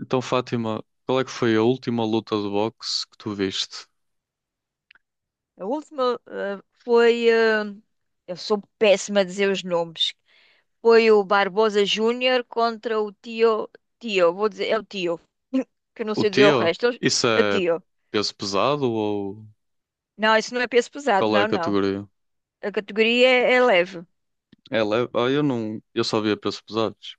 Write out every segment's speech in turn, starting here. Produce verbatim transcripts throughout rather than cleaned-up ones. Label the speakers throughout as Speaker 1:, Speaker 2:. Speaker 1: Então, Fátima, qual é que foi a última luta de boxe que tu viste?
Speaker 2: A última eh, foi. Eh, eu sou péssima a dizer os nomes. Foi o Barbosa Júnior contra o Tio. Tio, vou dizer, é o Tio. Que eu não
Speaker 1: O
Speaker 2: sei dizer o
Speaker 1: teu?
Speaker 2: resto.
Speaker 1: Isso
Speaker 2: É
Speaker 1: é
Speaker 2: Tio.
Speaker 1: peso pesado ou
Speaker 2: Não, isso não é peso pesado,
Speaker 1: qual é a
Speaker 2: não, não.
Speaker 1: categoria?
Speaker 2: A categoria é, é leve.
Speaker 1: É leve? Ah, eu não, eu só via pesos pesados.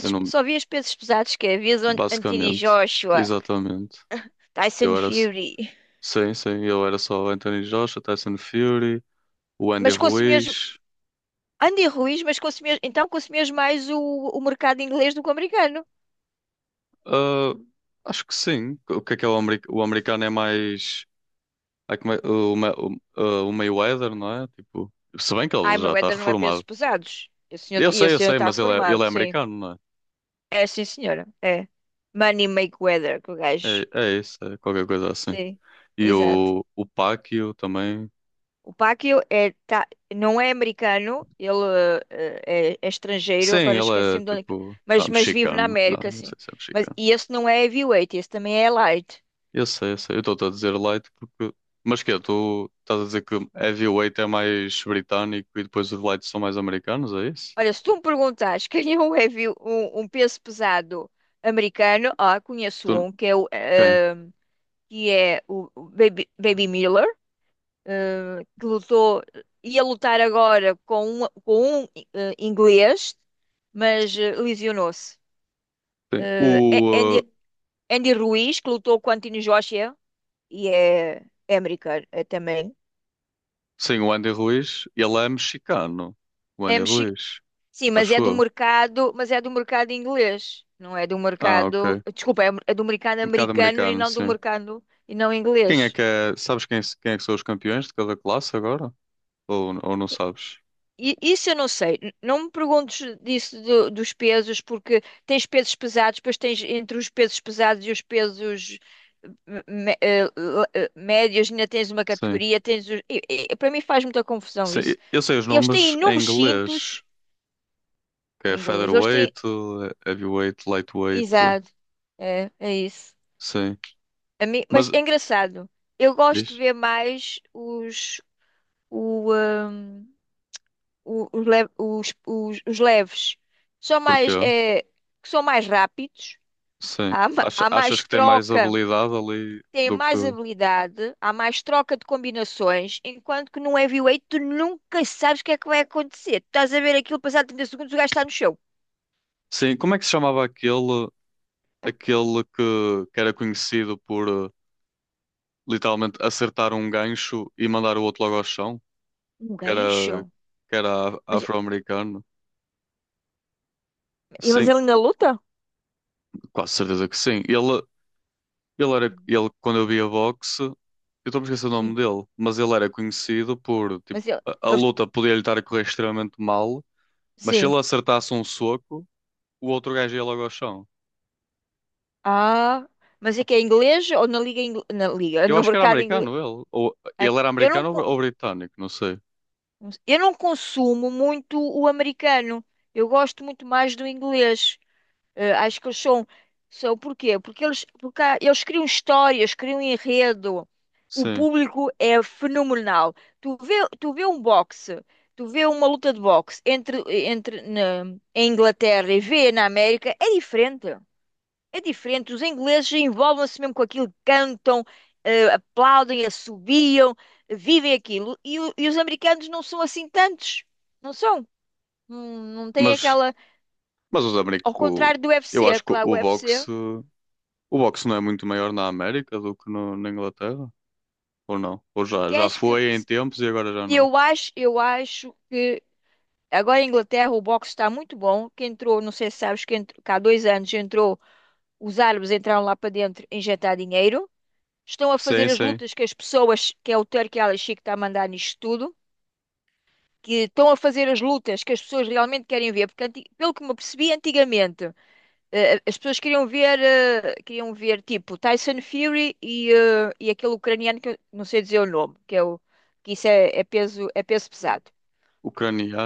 Speaker 1: Eu não,
Speaker 2: só vi os pesos pesados que é. Vi Anthony
Speaker 1: basicamente,
Speaker 2: Joshua,
Speaker 1: exatamente. Eu
Speaker 2: Tyson
Speaker 1: era, s-
Speaker 2: Fury.
Speaker 1: sim, sim, eu era só Anthony Joshua, Tyson Fury, o Andy
Speaker 2: Mas consumias.
Speaker 1: Ruiz.
Speaker 2: Andy Ruiz, mas consumias. Então consumias mais o, o mercado inglês do que o americano.
Speaker 1: Ah, acho que sim. O que é que é o, ameri- O americano é mais, é que me- o, Ma- o, ah, o Mayweather, não é? Tipo, se bem que
Speaker 2: Ai,
Speaker 1: ele já
Speaker 2: meu
Speaker 1: está
Speaker 2: Éder não é pesos
Speaker 1: reformado.
Speaker 2: pesados. Esse senhor,
Speaker 1: Eu
Speaker 2: e
Speaker 1: sei,
Speaker 2: esse
Speaker 1: eu
Speaker 2: senhor
Speaker 1: sei,
Speaker 2: está
Speaker 1: mas ele é, ele
Speaker 2: formado,
Speaker 1: é
Speaker 2: sim.
Speaker 1: americano, não
Speaker 2: É, sim, senhora. É. Money make weather, que o
Speaker 1: é? É,
Speaker 2: gajo.
Speaker 1: é isso, é qualquer coisa assim.
Speaker 2: Sim,
Speaker 1: E
Speaker 2: exato.
Speaker 1: o, o Pacquiao também.
Speaker 2: O Pacquiao é, tá, não é americano, ele eh, é, é estrangeiro,
Speaker 1: Sim,
Speaker 2: agora
Speaker 1: ele é
Speaker 2: esqueci-me de onde... é que-
Speaker 1: tipo. Ah,
Speaker 2: Mas, mas vive na
Speaker 1: mexicano. Não,
Speaker 2: América,
Speaker 1: não
Speaker 2: sim.
Speaker 1: sei se é
Speaker 2: Mas,
Speaker 1: mexicano.
Speaker 2: e esse não é heavyweight, esse também é light.
Speaker 1: Eu sei, eu sei. Eu estou a dizer light porque. Mas que tu estás a dizer que heavyweight é mais britânico e depois os lights são mais americanos, é isso?
Speaker 2: Olha, se tu me perguntas quem é um, heavy, um, um peso pesado americano, ah,
Speaker 1: Tu...
Speaker 2: conheço um, que é o,
Speaker 1: Quem?
Speaker 2: eh, que é o Baby, Baby Miller. Eh, que lutou, ia lutar agora com um, com um eh, inglês, mas eh, lesionou-se.
Speaker 1: Sim.
Speaker 2: Eh, A-
Speaker 1: O, uh,
Speaker 2: Andy, Andy Ruiz, que lutou com Anthony Joshua, e é, é americano é também.
Speaker 1: sim, o Andy Ruiz, ele é mexicano. O
Speaker 2: É
Speaker 1: Andy
Speaker 2: mexi...
Speaker 1: Ruiz,
Speaker 2: Sim, mas
Speaker 1: acho
Speaker 2: é do
Speaker 1: eu.
Speaker 2: mercado, mas é do mercado inglês, não é do
Speaker 1: Ah, ok.
Speaker 2: mercado, desculpa, é, é do mercado
Speaker 1: Um bocado
Speaker 2: americano e
Speaker 1: americano,
Speaker 2: não do
Speaker 1: sim.
Speaker 2: mercado e não
Speaker 1: Quem é
Speaker 2: inglês.
Speaker 1: que é? Sabes quem, é, quem é que são os campeões de cada classe agora? Ou, ou não sabes?
Speaker 2: I- Isso eu não sei. N- Não me perguntes disso do- dos pesos, porque tens pesos pesados, depois tens entre os pesos pesados e os pesos eh, me- eh, le- eh, médios, ainda tens uma
Speaker 1: Sim.
Speaker 2: categoria, tens os... e- e- para mim faz muita confusão isso.
Speaker 1: Sei- eu sei os
Speaker 2: Eles têm
Speaker 1: nomes em
Speaker 2: inúmeros
Speaker 1: inglês,
Speaker 2: cintos,
Speaker 1: que é
Speaker 2: em inglês, eles têm...
Speaker 1: featherweight, é heavyweight, lightweight.
Speaker 2: Exato, é, é isso.
Speaker 1: Sim.
Speaker 2: A mim...
Speaker 1: Mas
Speaker 2: Mas é engraçado, eu gosto de
Speaker 1: diz,
Speaker 2: ver mais os, o, ah, o- os, le- os, os, os leves. São mais...
Speaker 1: porquê?
Speaker 2: É... que são mais rápidos.
Speaker 1: Sim.
Speaker 2: Há, ma-
Speaker 1: Acha-
Speaker 2: há
Speaker 1: achas
Speaker 2: mais
Speaker 1: que tem mais
Speaker 2: troca,
Speaker 1: habilidade ali
Speaker 2: tem
Speaker 1: do
Speaker 2: mais
Speaker 1: que.
Speaker 2: habilidade, há mais troca de combinações, enquanto que num heavyweight tu nunca sabes o que é que vai acontecer. Tu estás a ver aquilo, passado trinta segundos o gajo está no chão.
Speaker 1: Sim, como é que se chamava aquele, aquele que, que era conhecido por eh, literalmente acertar um gancho e mandar o outro logo ao chão?
Speaker 2: Um
Speaker 1: Que era,
Speaker 2: gancho.
Speaker 1: que era af-
Speaker 2: Mas,
Speaker 1: afro-americano.
Speaker 2: mas
Speaker 1: Sim,
Speaker 2: ele ainda luta?
Speaker 1: quase certeza que sim. Ele, ele era, ele, quando eu via boxe, eu estou a esquecer o nome
Speaker 2: Sim.
Speaker 1: dele, mas ele era conhecido por, tipo,
Speaker 2: Mas ele,
Speaker 1: a, a
Speaker 2: eles-
Speaker 1: luta podia lhe estar a correr extremamente mal, mas se ele
Speaker 2: sim.
Speaker 1: acertasse um soco, o outro gajo ia logo ao chão.
Speaker 2: Ah, mas é que é inglês ou na liga, ingl- na liga,
Speaker 1: Eu
Speaker 2: no
Speaker 1: acho que era
Speaker 2: mercado inglês?
Speaker 1: americano ele, ou ele era
Speaker 2: Eu não,
Speaker 1: americano ou,
Speaker 2: con-
Speaker 1: ou britânico, não sei.
Speaker 2: eu não consumo muito o americano. Eu gosto muito mais do inglês. Eh, acho que eles são, são por quê? Porque eles, porque há- eles criam histórias, criam enredo. O
Speaker 1: Sim,
Speaker 2: público é fenomenal. Tu vê, Tu vê um boxe, tu vê uma luta de boxe entre, entre na, em Inglaterra e vê na América, é diferente. É diferente. Os ingleses envolvem-se mesmo com aquilo, cantam, eh, aplaudem, assobiam, vivem aquilo. E, o- e os americanos não são assim tantos. Não são. Não, não têm
Speaker 1: mas,
Speaker 2: aquela.
Speaker 1: mas os americ
Speaker 2: Ao
Speaker 1: o,
Speaker 2: contrário do
Speaker 1: eu
Speaker 2: U F C,
Speaker 1: acho que o,
Speaker 2: claro, o
Speaker 1: o
Speaker 2: U F C.
Speaker 1: boxe, o boxe não é muito maior na América do que no- na Inglaterra, ou não? Ou
Speaker 2: Se
Speaker 1: já, já
Speaker 2: queres que.
Speaker 1: foi em
Speaker 2: Se-
Speaker 1: tempos e agora já não.
Speaker 2: Eu acho, eu acho que agora em Inglaterra o boxe está muito bom. Que entrou, não sei se sabes, que, entrou, que há dois anos entrou, os árabes entraram lá para dentro injetar dinheiro. Estão a fazer
Speaker 1: Sim,
Speaker 2: as
Speaker 1: sim.
Speaker 2: lutas que as pessoas, que é o Turki Al Sheikh que está a mandar nisto tudo, que estão a fazer as lutas que as pessoas realmente querem ver. Porque, anti- pelo que me percebi antigamente, eh, eh, as pessoas queriam ver, eh, queriam ver tipo Tyson Fury e, eh, e aquele ucraniano que eu não sei dizer o nome, que é o, que isso é é peso, é peso pesado.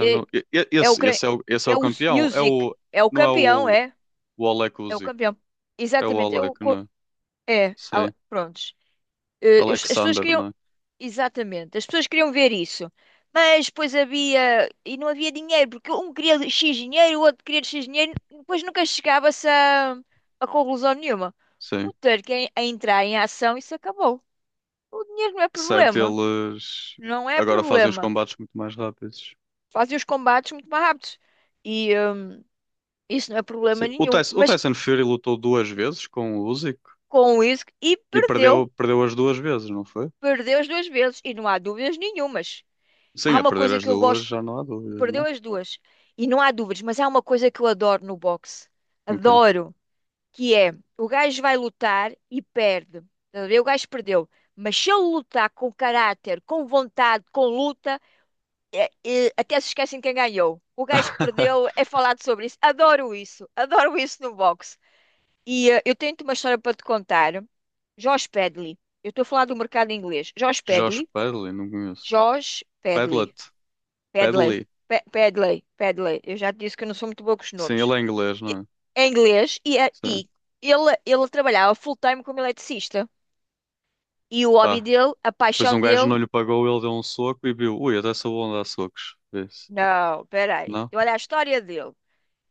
Speaker 2: E
Speaker 1: E- e-
Speaker 2: é o
Speaker 1: Esse,
Speaker 2: cre-
Speaker 1: esse, é o, esse é
Speaker 2: é
Speaker 1: o
Speaker 2: o
Speaker 1: campeão. É
Speaker 2: Usyk,
Speaker 1: o,
Speaker 2: é o
Speaker 1: não é
Speaker 2: campeão,
Speaker 1: o,
Speaker 2: é,
Speaker 1: o Oleg
Speaker 2: é o
Speaker 1: Usyk.
Speaker 2: campeão.
Speaker 1: É o
Speaker 2: Exatamente, é
Speaker 1: Oleg,
Speaker 2: o
Speaker 1: não
Speaker 2: co-
Speaker 1: é?
Speaker 2: é, al-
Speaker 1: Sim.
Speaker 2: prontos. Eh, os- As pessoas
Speaker 1: Alexander,
Speaker 2: queriam
Speaker 1: não é?
Speaker 2: exatamente, as pessoas queriam ver isso. Mas depois havia e não havia dinheiro, porque um queria X dinheiro, o outro queria X dinheiro, depois nunca chegava-se a, a conclusão nenhuma.
Speaker 1: Sim.
Speaker 2: O ter que en- A entrar em ação, isso acabou. O dinheiro não é
Speaker 1: Certo,
Speaker 2: problema,
Speaker 1: eles
Speaker 2: não é
Speaker 1: agora fazem os
Speaker 2: problema.
Speaker 1: combates muito mais rápidos.
Speaker 2: Fazem os combates muito mais rápidos. E, eh, isso não é problema
Speaker 1: Sim. O
Speaker 2: nenhum.
Speaker 1: Tyson, o
Speaker 2: Mas
Speaker 1: Tyson Fury lutou duas vezes com o Usyk
Speaker 2: com isso e
Speaker 1: e
Speaker 2: perdeu.
Speaker 1: perdeu, perdeu as duas vezes, não foi?
Speaker 2: Perdeu as duas vezes e não há dúvidas nenhumas.
Speaker 1: Sim,
Speaker 2: Há
Speaker 1: a
Speaker 2: uma
Speaker 1: perder
Speaker 2: coisa
Speaker 1: as
Speaker 2: que eu
Speaker 1: duas
Speaker 2: gosto,
Speaker 1: já não há dúvidas,
Speaker 2: perdeu
Speaker 1: não
Speaker 2: as duas e não há dúvidas, mas há uma coisa que eu adoro no boxe.
Speaker 1: é? O quê?
Speaker 2: Adoro, que é o gajo vai lutar e perde. Estás a ver? O gajo perdeu. Mas se ele lutar com caráter, com vontade, com luta, é- é- até se esquecem quem ganhou. O gajo que perdeu é falado sobre isso. Adoro isso. Adoro isso no boxe. E eh, eu tenho-te uma história para te contar. Josh Pedley. Eu estou a falar do mercado inglês. Josh
Speaker 1: Josh
Speaker 2: Pedley.
Speaker 1: Pedley, não conheço.
Speaker 2: Josh
Speaker 1: Pedlet,
Speaker 2: Pedley. Pedley.
Speaker 1: Pedley.
Speaker 2: Pe- Pedley. Pedley. Eu já te disse que eu não sou muito boa com os
Speaker 1: Sim, ele
Speaker 2: nomes.
Speaker 1: é inglês,
Speaker 2: E-
Speaker 1: não é?
Speaker 2: É inglês e, é-
Speaker 1: Sim.
Speaker 2: e ele, ele trabalhava full-time como eletricista. E o hobby
Speaker 1: Ah,
Speaker 2: dele, a
Speaker 1: pois
Speaker 2: paixão
Speaker 1: um gajo
Speaker 2: dele.
Speaker 1: não lhe pagou, ele deu um soco e viu, ui, até sou bom a dar socos. Vê-se.
Speaker 2: Não, peraí.
Speaker 1: Não?
Speaker 2: Olha a história dele.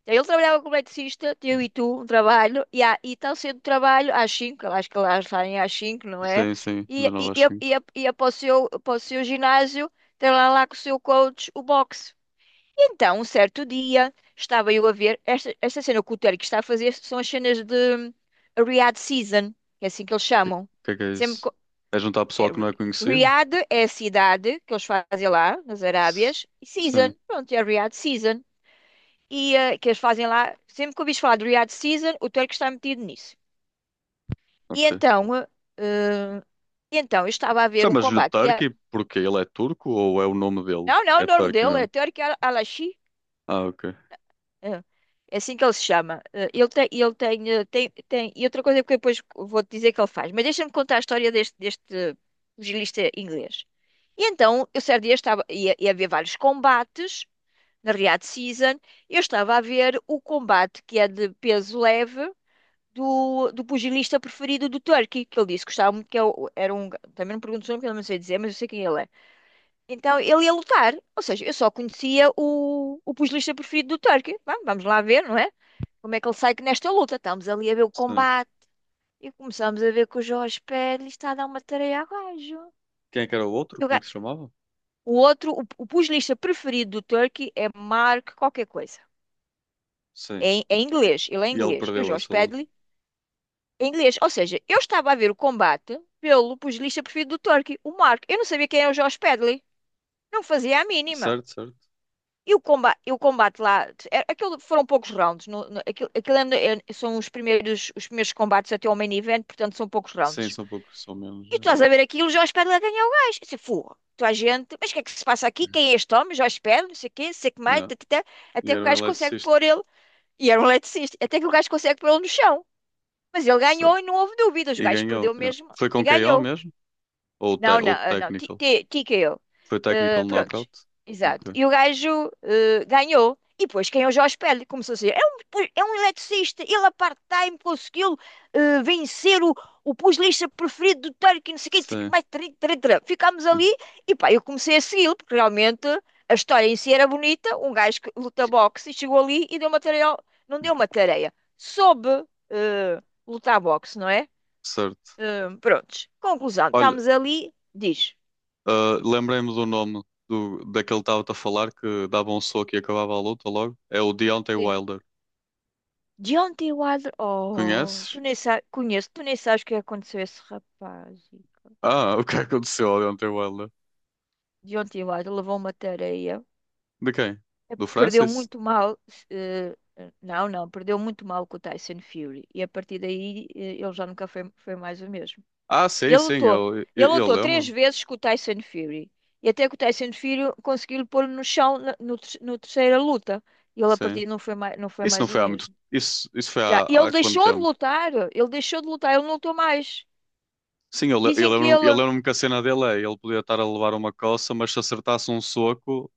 Speaker 2: Então, ele trabalhava como eletricista, eu e tu, um trabalho, e, há, e tão cedo do trabalho, às cinco, acho que elas saem às cinco, não é?
Speaker 1: Sim, sim,
Speaker 2: E,
Speaker 1: de
Speaker 2: e,
Speaker 1: nove às
Speaker 2: e, e,
Speaker 1: cinco
Speaker 2: ia- ia para o seu, para o seu ginásio, tem lá, lá com o seu coach o boxe. E então, um certo dia, estava eu a ver, esta, esta cena que o Terry está a fazer são as cenas de Riyadh Season, que é assim que eles
Speaker 1: O que
Speaker 2: chamam.
Speaker 1: que é que é
Speaker 2: Sempre,
Speaker 1: isso?
Speaker 2: co-
Speaker 1: É juntar pessoal
Speaker 2: é,
Speaker 1: que não
Speaker 2: Ri-
Speaker 1: é conhecido?
Speaker 2: Riyadh é a cidade que eles fazem lá, nas
Speaker 1: S-
Speaker 2: Arábias, e
Speaker 1: Sim,
Speaker 2: Season, pronto, é Riyadh Season e eh, que eles fazem lá. Sempre que ouvis falar do Riyadh Season, o Turco está metido nisso. E
Speaker 1: ok.
Speaker 2: então, eh, eh, e então eu estava a ver um
Speaker 1: Chamas-lhe
Speaker 2: combate que é.
Speaker 1: Turkey porque ele é turco ou é o nome dele?
Speaker 2: Não, não, o
Speaker 1: É
Speaker 2: nome
Speaker 1: Turkey
Speaker 2: dele é
Speaker 1: mesmo.
Speaker 2: Turco Al- Alashi.
Speaker 1: Ah, ok.
Speaker 2: eh, É assim que ele se chama. Eh, Ele tem, ele tem, eh, tem, tem- e outra coisa que eu depois vou-te dizer que ele faz. Mas deixa-me contar a história deste, deste pugilista inglês. E então, eu certo dia estava, ia, ia haver vários combates na Riyadh Season. Eu estava a ver o combate que é de peso leve do, do pugilista preferido do Turkey, que ele disse que gostava muito, que é o- era um. ga- Também não pergunto o nome, porque eu não sei dizer, mas eu sei quem ele é. Então ele ia lutar, ou seja, eu só conhecia o, o pugilista preferido do Turkey. Vá, vamos lá ver, não é? Como é que ele sai nesta luta? Estamos ali a ver o
Speaker 1: Sim.
Speaker 2: combate e começamos a ver que o Jorge Pérez está a dar uma tareia ao gajo.
Speaker 1: Quem é que era o outro?
Speaker 2: E o,
Speaker 1: Como é
Speaker 2: ga-
Speaker 1: que se chamava?
Speaker 2: o outro, o, o pugilista preferido do Turkey é Mark qualquer coisa.
Speaker 1: Sim.
Speaker 2: É, em- é
Speaker 1: E
Speaker 2: inglês, ele é
Speaker 1: e ele
Speaker 2: inglês. E o
Speaker 1: perdeu
Speaker 2: Jorge
Speaker 1: essa luta.
Speaker 2: Padley em inglês. Ou seja, eu estava a ver o combate pelo pugilista preferido do Turkey, o Mark. Eu não sabia quem era o Josh Pedley. Não fazia a mínima.
Speaker 1: Certo, certo.
Speaker 2: E o combate, e o combate lá, é- aquilo foram poucos rounds. No, no- aquilo aquilo é- é- são os primeiros, os primeiros combates até ao main event, portanto são poucos
Speaker 1: Sim,
Speaker 2: rounds.
Speaker 1: são poucos, são menos.
Speaker 2: E tu
Speaker 1: Yeah.
Speaker 2: estás a ver aquilo, Josh Pedley a ganhar o gajo. Eu disse, "Fogo, tu a gente, mas o que é que se passa aqui? Quem é este homem? Josh Pedley, não sei o quê, não sei o que mais,
Speaker 1: Yeah.
Speaker 2: tatatá."
Speaker 1: E
Speaker 2: Até que o
Speaker 1: era um
Speaker 2: gajo consegue
Speaker 1: eletricista.
Speaker 2: pôr ele. E era um eletricista, até que o gajo consegue pôr ele no chão. Mas ele
Speaker 1: Certo.
Speaker 2: ganhou e não houve dúvidas. O
Speaker 1: E
Speaker 2: gajo
Speaker 1: ganhou,
Speaker 2: perdeu
Speaker 1: yeah.
Speaker 2: mesmo
Speaker 1: Foi
Speaker 2: e
Speaker 1: com K O
Speaker 2: ganhou.
Speaker 1: mesmo? Ou, te-
Speaker 2: Não, não,
Speaker 1: ou
Speaker 2: ah, não, T-
Speaker 1: technical.
Speaker 2: T- TKO.
Speaker 1: Foi technical
Speaker 2: Uh, prontos,
Speaker 1: knockout?
Speaker 2: exato.
Speaker 1: Ok.
Speaker 2: E o gajo uh, ganhou. E depois quem é o Jorge Pérez começou a dizer: é um, pu- é um eletricista, ele a part-time conseguiu uh, vencer o, o pugilista preferido do Turkey, não sei o quê, não sei o quê
Speaker 1: Sim.
Speaker 2: mais tará, tará, tará." Ficámos
Speaker 1: Hum,
Speaker 2: ali e pá, eu comecei a segui-lo, porque realmente a história em si era bonita. Um gajo que luta boxe e chegou ali e deu uma tareia, ao- não deu uma tareia, soube uh, lutar boxe, não é?
Speaker 1: certo.
Speaker 2: Hum, prontos. Conclusão.
Speaker 1: Olha,
Speaker 2: Estamos ali. Diz.
Speaker 1: ah, lembrei-me do nome do, daquele que estava-te a falar que dava um soco e acabava a luta logo. É o Deontay
Speaker 2: Sim.
Speaker 1: Wilder.
Speaker 2: Deontay Wilder. Oh, tu
Speaker 1: Conheces?
Speaker 2: nem sabes. Conheço. Tu nem sabes o que aconteceu a esse rapaz.
Speaker 1: Ah, o que é que aconteceu ao Deontay Wilder?
Speaker 2: Deontay Wilder levou uma tareia.
Speaker 1: De quem?
Speaker 2: É,
Speaker 1: Do
Speaker 2: perdeu
Speaker 1: Francis?
Speaker 2: muito mal. eh, não, não. Perdeu muito mal com o Tyson Fury. E a partir daí eh, ele já nunca foi, foi mais o mesmo.
Speaker 1: Ah, sim,
Speaker 2: Ele
Speaker 1: sim,
Speaker 2: lutou.
Speaker 1: eu,
Speaker 2: Ele
Speaker 1: eu, eu
Speaker 2: lutou três
Speaker 1: lembro-me.
Speaker 2: vezes com o Tyson Fury. E até que o Tyson Fury conseguiu pôr no chão na no ter- no terceira luta. E ele a partir
Speaker 1: Sim.
Speaker 2: daí não foi mais, não foi
Speaker 1: Isso não
Speaker 2: mais o
Speaker 1: foi há muito.
Speaker 2: mesmo.
Speaker 1: Isso, isso foi há,
Speaker 2: Já. E ele
Speaker 1: há quanto
Speaker 2: deixou de
Speaker 1: tempo?
Speaker 2: lutar. Ele deixou de lutar. Ele não lutou mais.
Speaker 1: Sim, eu, le- eu
Speaker 2: Dizem que
Speaker 1: lembro-me, eu
Speaker 2: ele.
Speaker 1: lembro-me que a cena dele é: ele podia estar a levar uma coça, mas se acertasse um soco,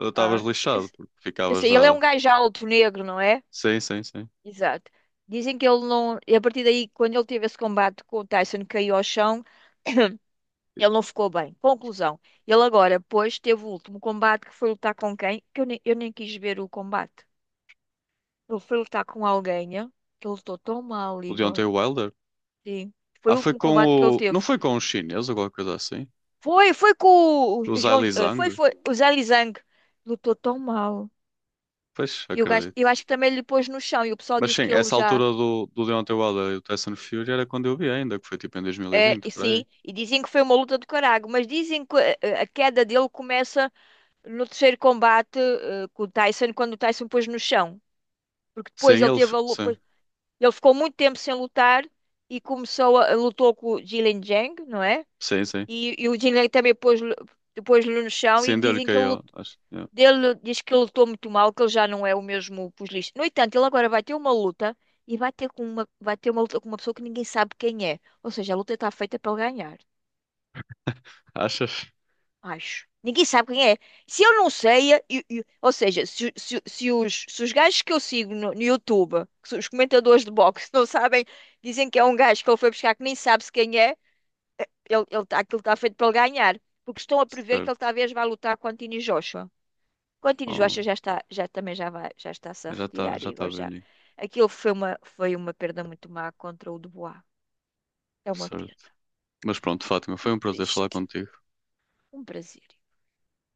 Speaker 1: estavas
Speaker 2: Ah, eu
Speaker 1: lixado, porque
Speaker 2: eu
Speaker 1: ficava
Speaker 2: sei, ele é
Speaker 1: já.
Speaker 2: um gajo alto, negro, não é?
Speaker 1: Sim, sim, sim.
Speaker 2: Exato. Dizem que ele não. E a partir daí, quando ele teve esse combate com o Tyson, que caiu ao chão, ele não ficou bem. Conclusão. Ele agora, pois, teve o último combate que foi lutar com quem? Que eu nem, eu nem quis ver o combate. Ele foi lutar com alguém, né? Que ele lutou tão mal,
Speaker 1: O
Speaker 2: Igor.
Speaker 1: Deontay Wilder.
Speaker 2: Sim.
Speaker 1: Ah,
Speaker 2: Foi o
Speaker 1: foi
Speaker 2: último
Speaker 1: com
Speaker 2: combate que ele
Speaker 1: o.
Speaker 2: teve.
Speaker 1: Não foi com o chinês ou qualquer coisa assim?
Speaker 2: Foi, foi com o
Speaker 1: O Zhai
Speaker 2: João,
Speaker 1: Li
Speaker 2: eh,
Speaker 1: Zhang?
Speaker 2: foi, foi, o Zé Lizang lutou tão mal.
Speaker 1: Pois,
Speaker 2: E o gajo,
Speaker 1: acredito.
Speaker 2: eu acho que também ele pôs no chão e o pessoal
Speaker 1: Mas
Speaker 2: diz
Speaker 1: sim,
Speaker 2: que ele
Speaker 1: essa altura
Speaker 2: já
Speaker 1: do, do Deontay Wilder e do Tyson Fury era quando eu vi ainda, que foi tipo em
Speaker 2: é,
Speaker 1: dois mil e vinte,
Speaker 2: e
Speaker 1: por aí.
Speaker 2: sim, e dizem que foi uma luta do caralho, mas dizem que eh, eh, a queda dele começa no terceiro combate eh, com o Tyson, quando o Tyson pôs no chão, porque depois
Speaker 1: Sim,
Speaker 2: ele
Speaker 1: ele. f-
Speaker 2: teve a luta,
Speaker 1: Sim,
Speaker 2: ele ficou muito tempo sem lutar e começou a, a- lutou com o Jilin Jang, não é?
Speaker 1: sim, sim.
Speaker 2: E, e o Jilin também pôs-lhe pôs-lhe no chão e
Speaker 1: Sim, deu-lhe
Speaker 2: dizem que ele.
Speaker 1: K O, acho, yeah.
Speaker 2: Ele diz que ele lutou muito mal, que ele já não é o mesmo pugilista. No entanto, ele agora vai ter uma luta e vai ter com uma, vai ter uma luta com uma pessoa que ninguém sabe quem é. Ou seja, a luta está feita para ele ganhar,
Speaker 1: Achas?
Speaker 2: acho. Ninguém sabe quem é. Se eu não sei, eu- eu- ou seja, se, se- se os, se os gajos que eu sigo no, no YouTube, que são os comentadores de boxe, não sabem, dizem que é um gajo que ele foi buscar que nem sabe-se quem é, ele, ele, tá- aquilo está feito para ele ganhar. Porque estão a prever que ele
Speaker 1: Certo.
Speaker 2: talvez vá lutar com Anthony Joshua. Contino
Speaker 1: Oh,
Speaker 2: Joachim já está, já também já vai, já está-se a
Speaker 1: já está,
Speaker 2: retirar,
Speaker 1: já tá
Speaker 2: Igor, já.
Speaker 1: velhinho.
Speaker 2: Aquilo foi uma, foi uma perda muito má contra o Dubois. É uma
Speaker 1: Certo.
Speaker 2: pena.
Speaker 1: Mas pronto,
Speaker 2: Fico
Speaker 1: Fátima,
Speaker 2: muito
Speaker 1: foi um prazer falar
Speaker 2: triste.
Speaker 1: contigo.
Speaker 2: Um prazer.